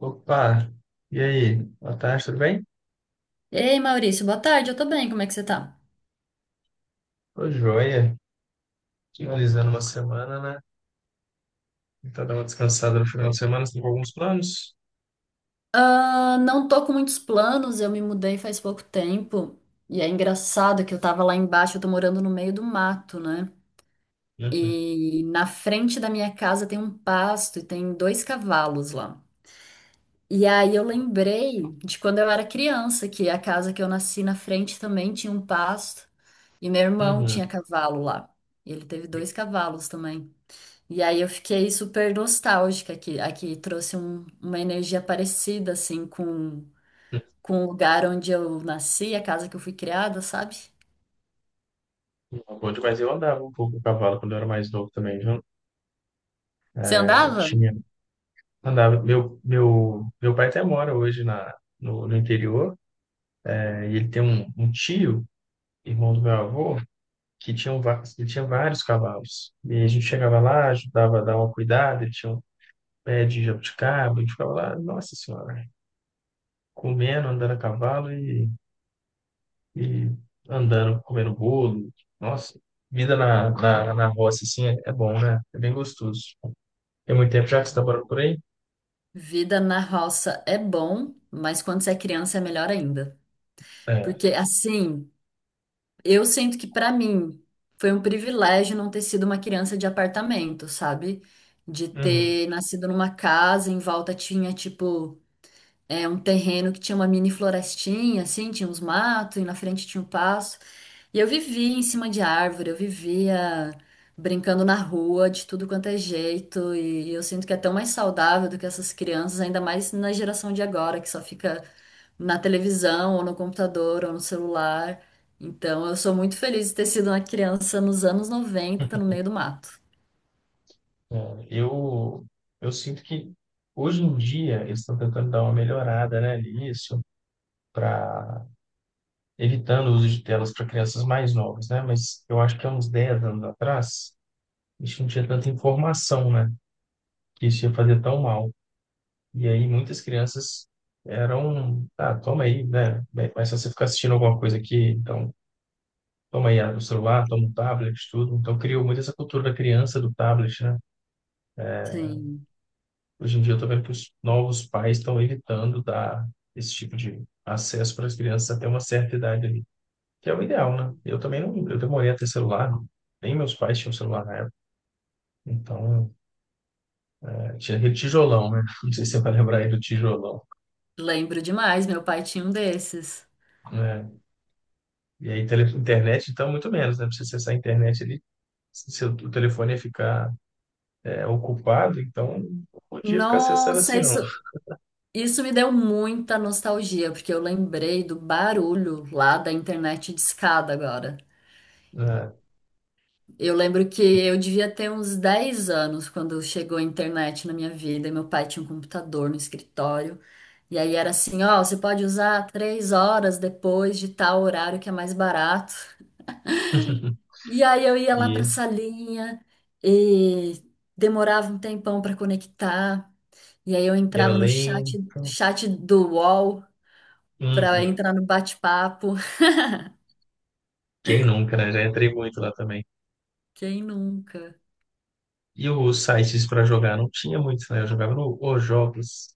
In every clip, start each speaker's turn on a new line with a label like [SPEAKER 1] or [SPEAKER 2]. [SPEAKER 1] Opa, e aí? Boa tarde, tudo bem?
[SPEAKER 2] Ei, Maurício, boa tarde, eu tô bem, como é que você tá?
[SPEAKER 1] Tô joia. Finalizando uma semana, né? Tentar dar uma descansada no final de semana, você tem alguns planos?
[SPEAKER 2] Ah, não tô com muitos planos, eu me mudei faz pouco tempo. E é engraçado que eu tava lá embaixo, eu tô morando no meio do mato, né?
[SPEAKER 1] Uhum.
[SPEAKER 2] E na frente da minha casa tem um pasto e tem dois cavalos lá. E aí eu lembrei de quando eu era criança, que a casa que eu nasci na frente também tinha um pasto. E meu irmão tinha
[SPEAKER 1] Uhum.
[SPEAKER 2] cavalo lá. E ele teve dois cavalos também. E aí eu fiquei super nostálgica, que aqui trouxe uma energia parecida, assim, com o lugar onde eu nasci, a casa que eu fui criada, sabe?
[SPEAKER 1] Bom demais, eu andava um pouco com o cavalo quando eu era mais novo também, viu?
[SPEAKER 2] Você
[SPEAKER 1] É,
[SPEAKER 2] andava?
[SPEAKER 1] tinha. Andava. Meu pai até mora hoje na, no interior, né? E ele tem um tio, irmão do meu avô, que tinha, um, ele tinha vários cavalos. E a gente chegava lá, ajudava a dar uma cuidada, ele tinha um pé de jabuticaba, a gente ficava lá, nossa senhora, comendo, andando a cavalo e andando, comendo bolo. Nossa, vida na roça, assim, é bom, né? É bem gostoso. Tem muito tempo já que você está morando por aí?
[SPEAKER 2] Vida na roça é bom, mas quando você é criança é melhor ainda.
[SPEAKER 1] É.
[SPEAKER 2] Porque, assim, eu sinto que pra mim foi um privilégio não ter sido uma criança de apartamento, sabe? De
[SPEAKER 1] Uhum.
[SPEAKER 2] ter nascido numa casa, em volta tinha, um terreno que tinha uma mini florestinha, assim, tinha uns matos e na frente tinha um passo. E eu vivia em cima de árvore, eu vivia brincando na rua de tudo quanto é jeito. E eu sinto que é tão mais saudável do que essas crianças, ainda mais na geração de agora, que só fica na televisão, ou no computador, ou no celular. Então, eu sou muito feliz de ter sido uma criança nos anos 90 no meio do mato.
[SPEAKER 1] É. Eu sinto que hoje em dia eles estão tentando dar uma melhorada, né, nisso, para evitando o uso de telas para crianças mais novas, né? Mas eu acho que há uns 10 anos atrás, a gente não tinha tanta informação, né? Que isso ia fazer tão mal. E aí muitas crianças eram, ah, toma aí, né? Bem, mas se você ficar assistindo alguma coisa aqui, então toma aí, abre o celular, toma o tablet, tudo. Então criou muito essa cultura da criança do tablet, né?
[SPEAKER 2] Sim,
[SPEAKER 1] Hoje em dia eu tô vendo que os novos pais estão evitando dar esse tipo de acesso para as crianças até uma certa idade ali, que é o ideal, né? Eu também não, eu demorei a ter celular, nem meus pais tinham celular na época. Então, é, tinha aquele tijolão, né? Não sei se você vai lembrar aí do tijolão,
[SPEAKER 2] lembro demais, meu pai tinha um desses.
[SPEAKER 1] né? E aí, internet, então, muito menos, né? Pra você acessar a internet, ele se seu o telefone ia ficar, é, ocupado, então não podia ficar acessando
[SPEAKER 2] Nossa,
[SPEAKER 1] assim, não.
[SPEAKER 2] isso me deu muita nostalgia, porque eu lembrei do barulho lá da internet discada agora.
[SPEAKER 1] Né?
[SPEAKER 2] Eu lembro que eu devia ter uns 10 anos quando chegou a internet na minha vida, e meu pai tinha um computador no escritório. E aí era assim, ó, você pode usar 3 horas depois de tal horário que é mais barato. E aí eu ia lá pra
[SPEAKER 1] E,
[SPEAKER 2] salinha e demorava um tempão pra conectar. E aí eu
[SPEAKER 1] e era
[SPEAKER 2] entrava no chat,
[SPEAKER 1] lento.
[SPEAKER 2] chat do UOL para
[SPEAKER 1] Uhum.
[SPEAKER 2] entrar no bate-papo.
[SPEAKER 1] Quem nunca, né? Já entrei muito lá também.
[SPEAKER 2] Quem nunca?
[SPEAKER 1] E os sites para jogar não tinha muitos, né? Eu jogava no Os Jogos.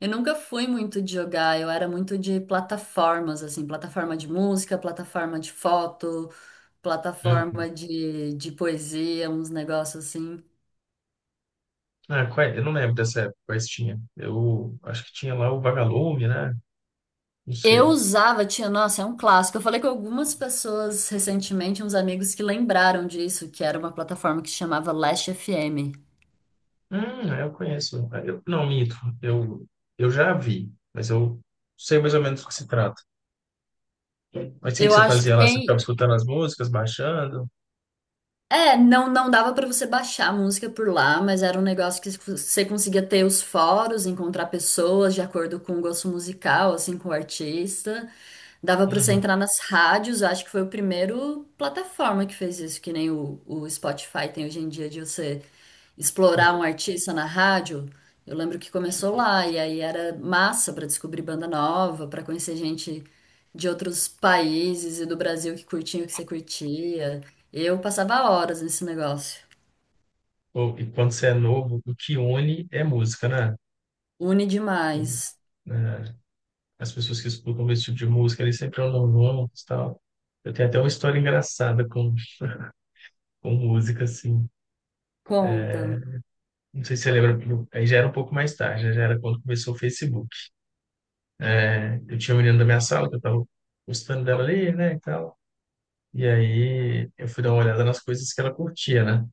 [SPEAKER 2] Eu nunca fui muito de jogar, eu era muito de plataformas, assim, plataforma de música, plataforma de foto,
[SPEAKER 1] Uhum.
[SPEAKER 2] plataforma de poesia, uns negócios assim.
[SPEAKER 1] Ah, qual é? Eu não lembro dessa época, quais tinha. Eu acho que tinha lá o Vagalume, né? Não
[SPEAKER 2] Eu
[SPEAKER 1] sei.
[SPEAKER 2] usava, tinha, nossa, é um clássico. Eu falei com algumas pessoas recentemente, uns amigos que lembraram disso, que era uma plataforma que se chamava Last FM.
[SPEAKER 1] Eu conheço. Ah, eu, não, minto. Eu, eu já vi, mas eu sei mais ou menos do que se trata. Mas o que que
[SPEAKER 2] Eu
[SPEAKER 1] você
[SPEAKER 2] acho que
[SPEAKER 1] fazia lá? Você ficava
[SPEAKER 2] tem,
[SPEAKER 1] escutando as músicas, baixando?
[SPEAKER 2] é, não, não dava pra você baixar a música por lá, mas era um negócio que você conseguia ter os fóruns, encontrar pessoas de acordo com o gosto musical, assim, com o artista. Dava pra você
[SPEAKER 1] Uhum.
[SPEAKER 2] entrar nas rádios, eu acho que foi o primeiro plataforma que fez isso, que nem o Spotify tem hoje em dia, de você explorar
[SPEAKER 1] É.
[SPEAKER 2] um artista na rádio. Eu lembro que começou lá, e aí era massa pra descobrir banda nova, pra conhecer gente de outros países e do Brasil que curtiam o que você curtia. Eu passava horas nesse negócio.
[SPEAKER 1] Pô, e quando você é novo, o que une é música, né?
[SPEAKER 2] Une demais.
[SPEAKER 1] Né? As pessoas que escutam esse tipo de música, eles sempre andam novos e tal. Eu tenho até uma história engraçada com música, assim.
[SPEAKER 2] Conta.
[SPEAKER 1] Não sei se você lembra, porque aí já era um pouco mais tarde, né? Já era quando começou o Facebook. Né? Eu tinha um menino da minha sala, que eu tava gostando dela ali, né, e tal. E aí eu fui dar uma olhada nas coisas que ela curtia, né?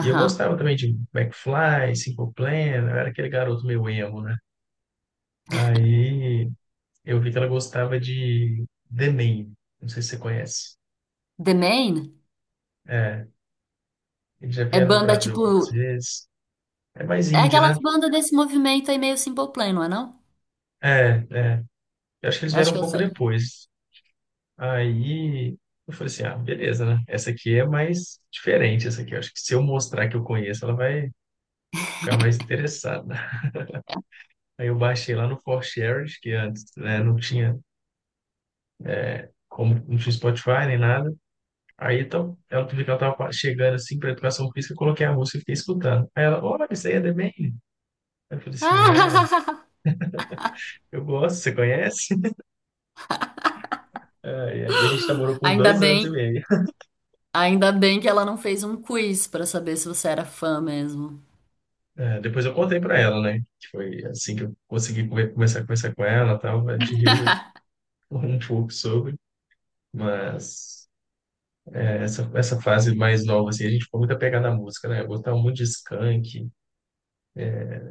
[SPEAKER 1] E eu gostava também de McFly, Simple Plan, eu era aquele garoto meio emo, né? Aí eu vi que ela gostava de The Name, não sei se você conhece.
[SPEAKER 2] The Main
[SPEAKER 1] É, eles já
[SPEAKER 2] é
[SPEAKER 1] vieram no
[SPEAKER 2] banda
[SPEAKER 1] Brasil algumas
[SPEAKER 2] tipo.
[SPEAKER 1] vezes. É mais
[SPEAKER 2] É
[SPEAKER 1] indie, né?
[SPEAKER 2] aquelas bandas desse movimento aí meio Simple Plan, não é não?
[SPEAKER 1] É, é. Eu acho que eles
[SPEAKER 2] Eu acho
[SPEAKER 1] vieram um
[SPEAKER 2] que eu
[SPEAKER 1] pouco
[SPEAKER 2] sei.
[SPEAKER 1] depois. Aí eu falei assim, ah, beleza, né? Essa aqui é mais diferente, essa aqui. Eu acho que se eu mostrar que eu conheço, ela vai ficar mais interessada. Aí eu baixei lá no ForShare, que antes, né, não tinha como, não tinha Spotify nem nada. Aí então, ela outro dia que ela tava chegando assim para educação física, eu coloquei a música e fiquei escutando. Aí ela, olha, isso aí é The Maine. Eu falei assim, é, eu gosto, você conhece? E a gente namorou por
[SPEAKER 2] Ainda
[SPEAKER 1] dois anos e
[SPEAKER 2] bem,
[SPEAKER 1] meio.
[SPEAKER 2] ainda bem que ela não fez um quiz pra saber se você era fã mesmo.
[SPEAKER 1] É, depois eu contei para ela, né? Que foi assim que eu consegui começar a conversar com ela, e tal, a gente riu um pouco sobre, mas é, essa fase mais nova, assim, a gente ficou muito apegado à música, né? Eu gostava muito de Skank,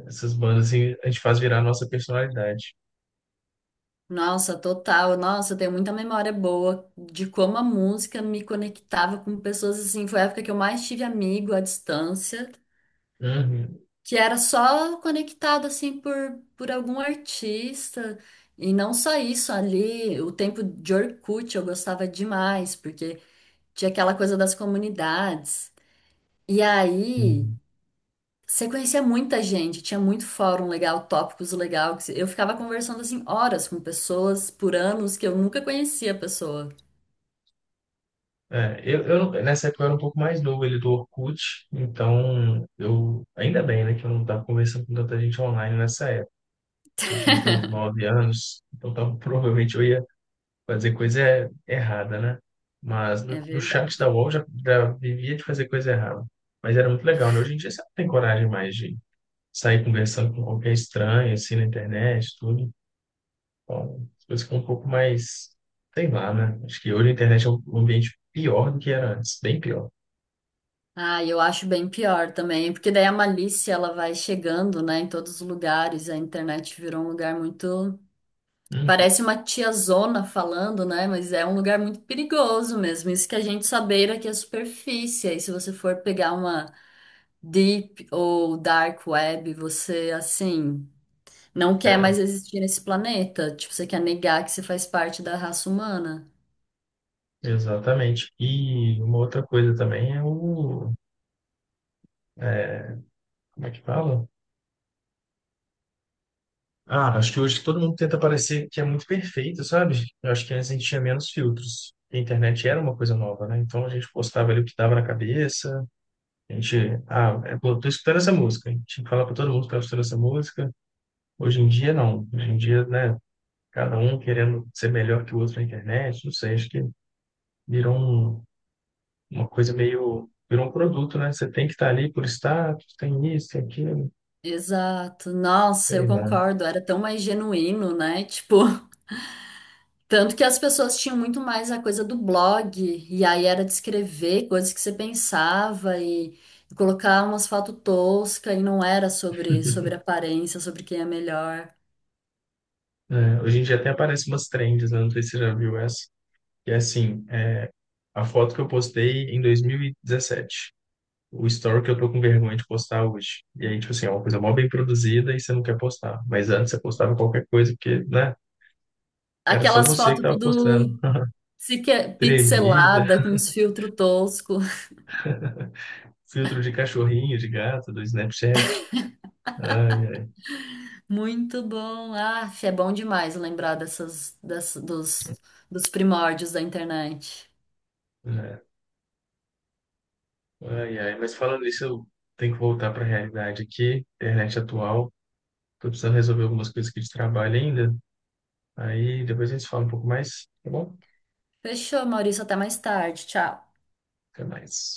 [SPEAKER 1] essas bandas, assim, a gente faz virar a nossa personalidade.
[SPEAKER 2] Nossa, total. Nossa, eu tenho muita memória boa de como a música me conectava com pessoas assim. Foi a época que eu mais tive amigo à distância,
[SPEAKER 1] Uhum.
[SPEAKER 2] que era só conectado assim por algum artista. E não só isso, ali, o tempo de Orkut eu gostava demais, porque tinha aquela coisa das comunidades. E aí, você conhecia muita gente, tinha muito fórum legal, tópicos legal. Eu ficava conversando assim horas com pessoas por anos que eu nunca conhecia a pessoa.
[SPEAKER 1] É, nessa época eu era um pouco mais novo, ele é do Orkut, então eu, ainda bem, né, que eu não estava conversando com tanta gente online nessa época. Eu devia ter uns nove anos, então tava, provavelmente eu ia fazer coisa errada, né? Mas
[SPEAKER 2] É
[SPEAKER 1] no, no chat da
[SPEAKER 2] verdade.
[SPEAKER 1] UOL já, já vivia de fazer coisa errada. Mas era muito legal, né? Hoje em dia você não tem coragem mais de sair conversando com qualquer estranho, assim, na internet, tudo. Então, as coisas ficam um pouco mais, sei lá, né? Acho que hoje a internet é um um ambiente pior do que era antes, bem pior.
[SPEAKER 2] Ah, eu acho bem pior também, porque daí a malícia ela vai chegando, né, em todos os lugares. A internet virou um lugar muito,
[SPEAKER 1] Hum.
[SPEAKER 2] parece uma tiazona falando, né, mas é um lugar muito perigoso mesmo. Isso que a gente sabeira que é superfície. Aí se você for pegar uma deep ou dark web, você assim não quer
[SPEAKER 1] É,
[SPEAKER 2] mais existir nesse planeta. Tipo, você quer negar que você faz parte da raça humana.
[SPEAKER 1] exatamente. E uma outra coisa também é o, é, como é que fala? Ah, acho que hoje todo mundo tenta parecer que é muito perfeito, sabe? Eu acho que antes a gente tinha menos filtros. A internet era uma coisa nova, né? Então a gente postava ali o que dava na cabeça. A gente, ah, é, pô, tô escutando essa música. A gente tinha que falar para todo mundo que tava escutando essa música. Hoje em dia, não. Hoje em dia, né? Cada um querendo ser melhor que o outro na internet. Não sei, acho que virou um, uma coisa meio, virou um produto, né? Você tem que estar ali por status, tem isso, tem aquilo,
[SPEAKER 2] Exato. Nossa, eu
[SPEAKER 1] sei lá.
[SPEAKER 2] concordo. Era tão mais genuíno, né? Tipo, tanto que as pessoas tinham muito mais a coisa do blog, e aí era de escrever coisas que você pensava e colocar umas fotos toscas, e não era sobre aparência, sobre quem é melhor.
[SPEAKER 1] É, hoje em dia até aparecem umas trends, né? Não sei se você já viu essa. E é assim, é, a foto que eu postei em 2017. O story que eu tô com vergonha de postar hoje. E aí, tipo assim, é uma coisa mó bem produzida e você não quer postar. Mas antes você postava qualquer coisa, porque, né? Era só
[SPEAKER 2] Aquelas
[SPEAKER 1] você que
[SPEAKER 2] fotos
[SPEAKER 1] tava postando.
[SPEAKER 2] tudo
[SPEAKER 1] Tremida,
[SPEAKER 2] pixelada, com uns filtros tosco.
[SPEAKER 1] filtro de cachorrinho, de gato, do Snapchat. Ai, ai.
[SPEAKER 2] Muito bom. Ah, é bom demais lembrar dos primórdios da internet.
[SPEAKER 1] Né? Ai, ai, mas falando nisso, eu tenho que voltar para a realidade aqui, internet atual. Tô precisando resolver algumas coisas aqui de trabalho ainda. Aí depois a gente fala um pouco mais, tá bom?
[SPEAKER 2] Fechou, Maurício. Até mais tarde. Tchau.
[SPEAKER 1] Até mais.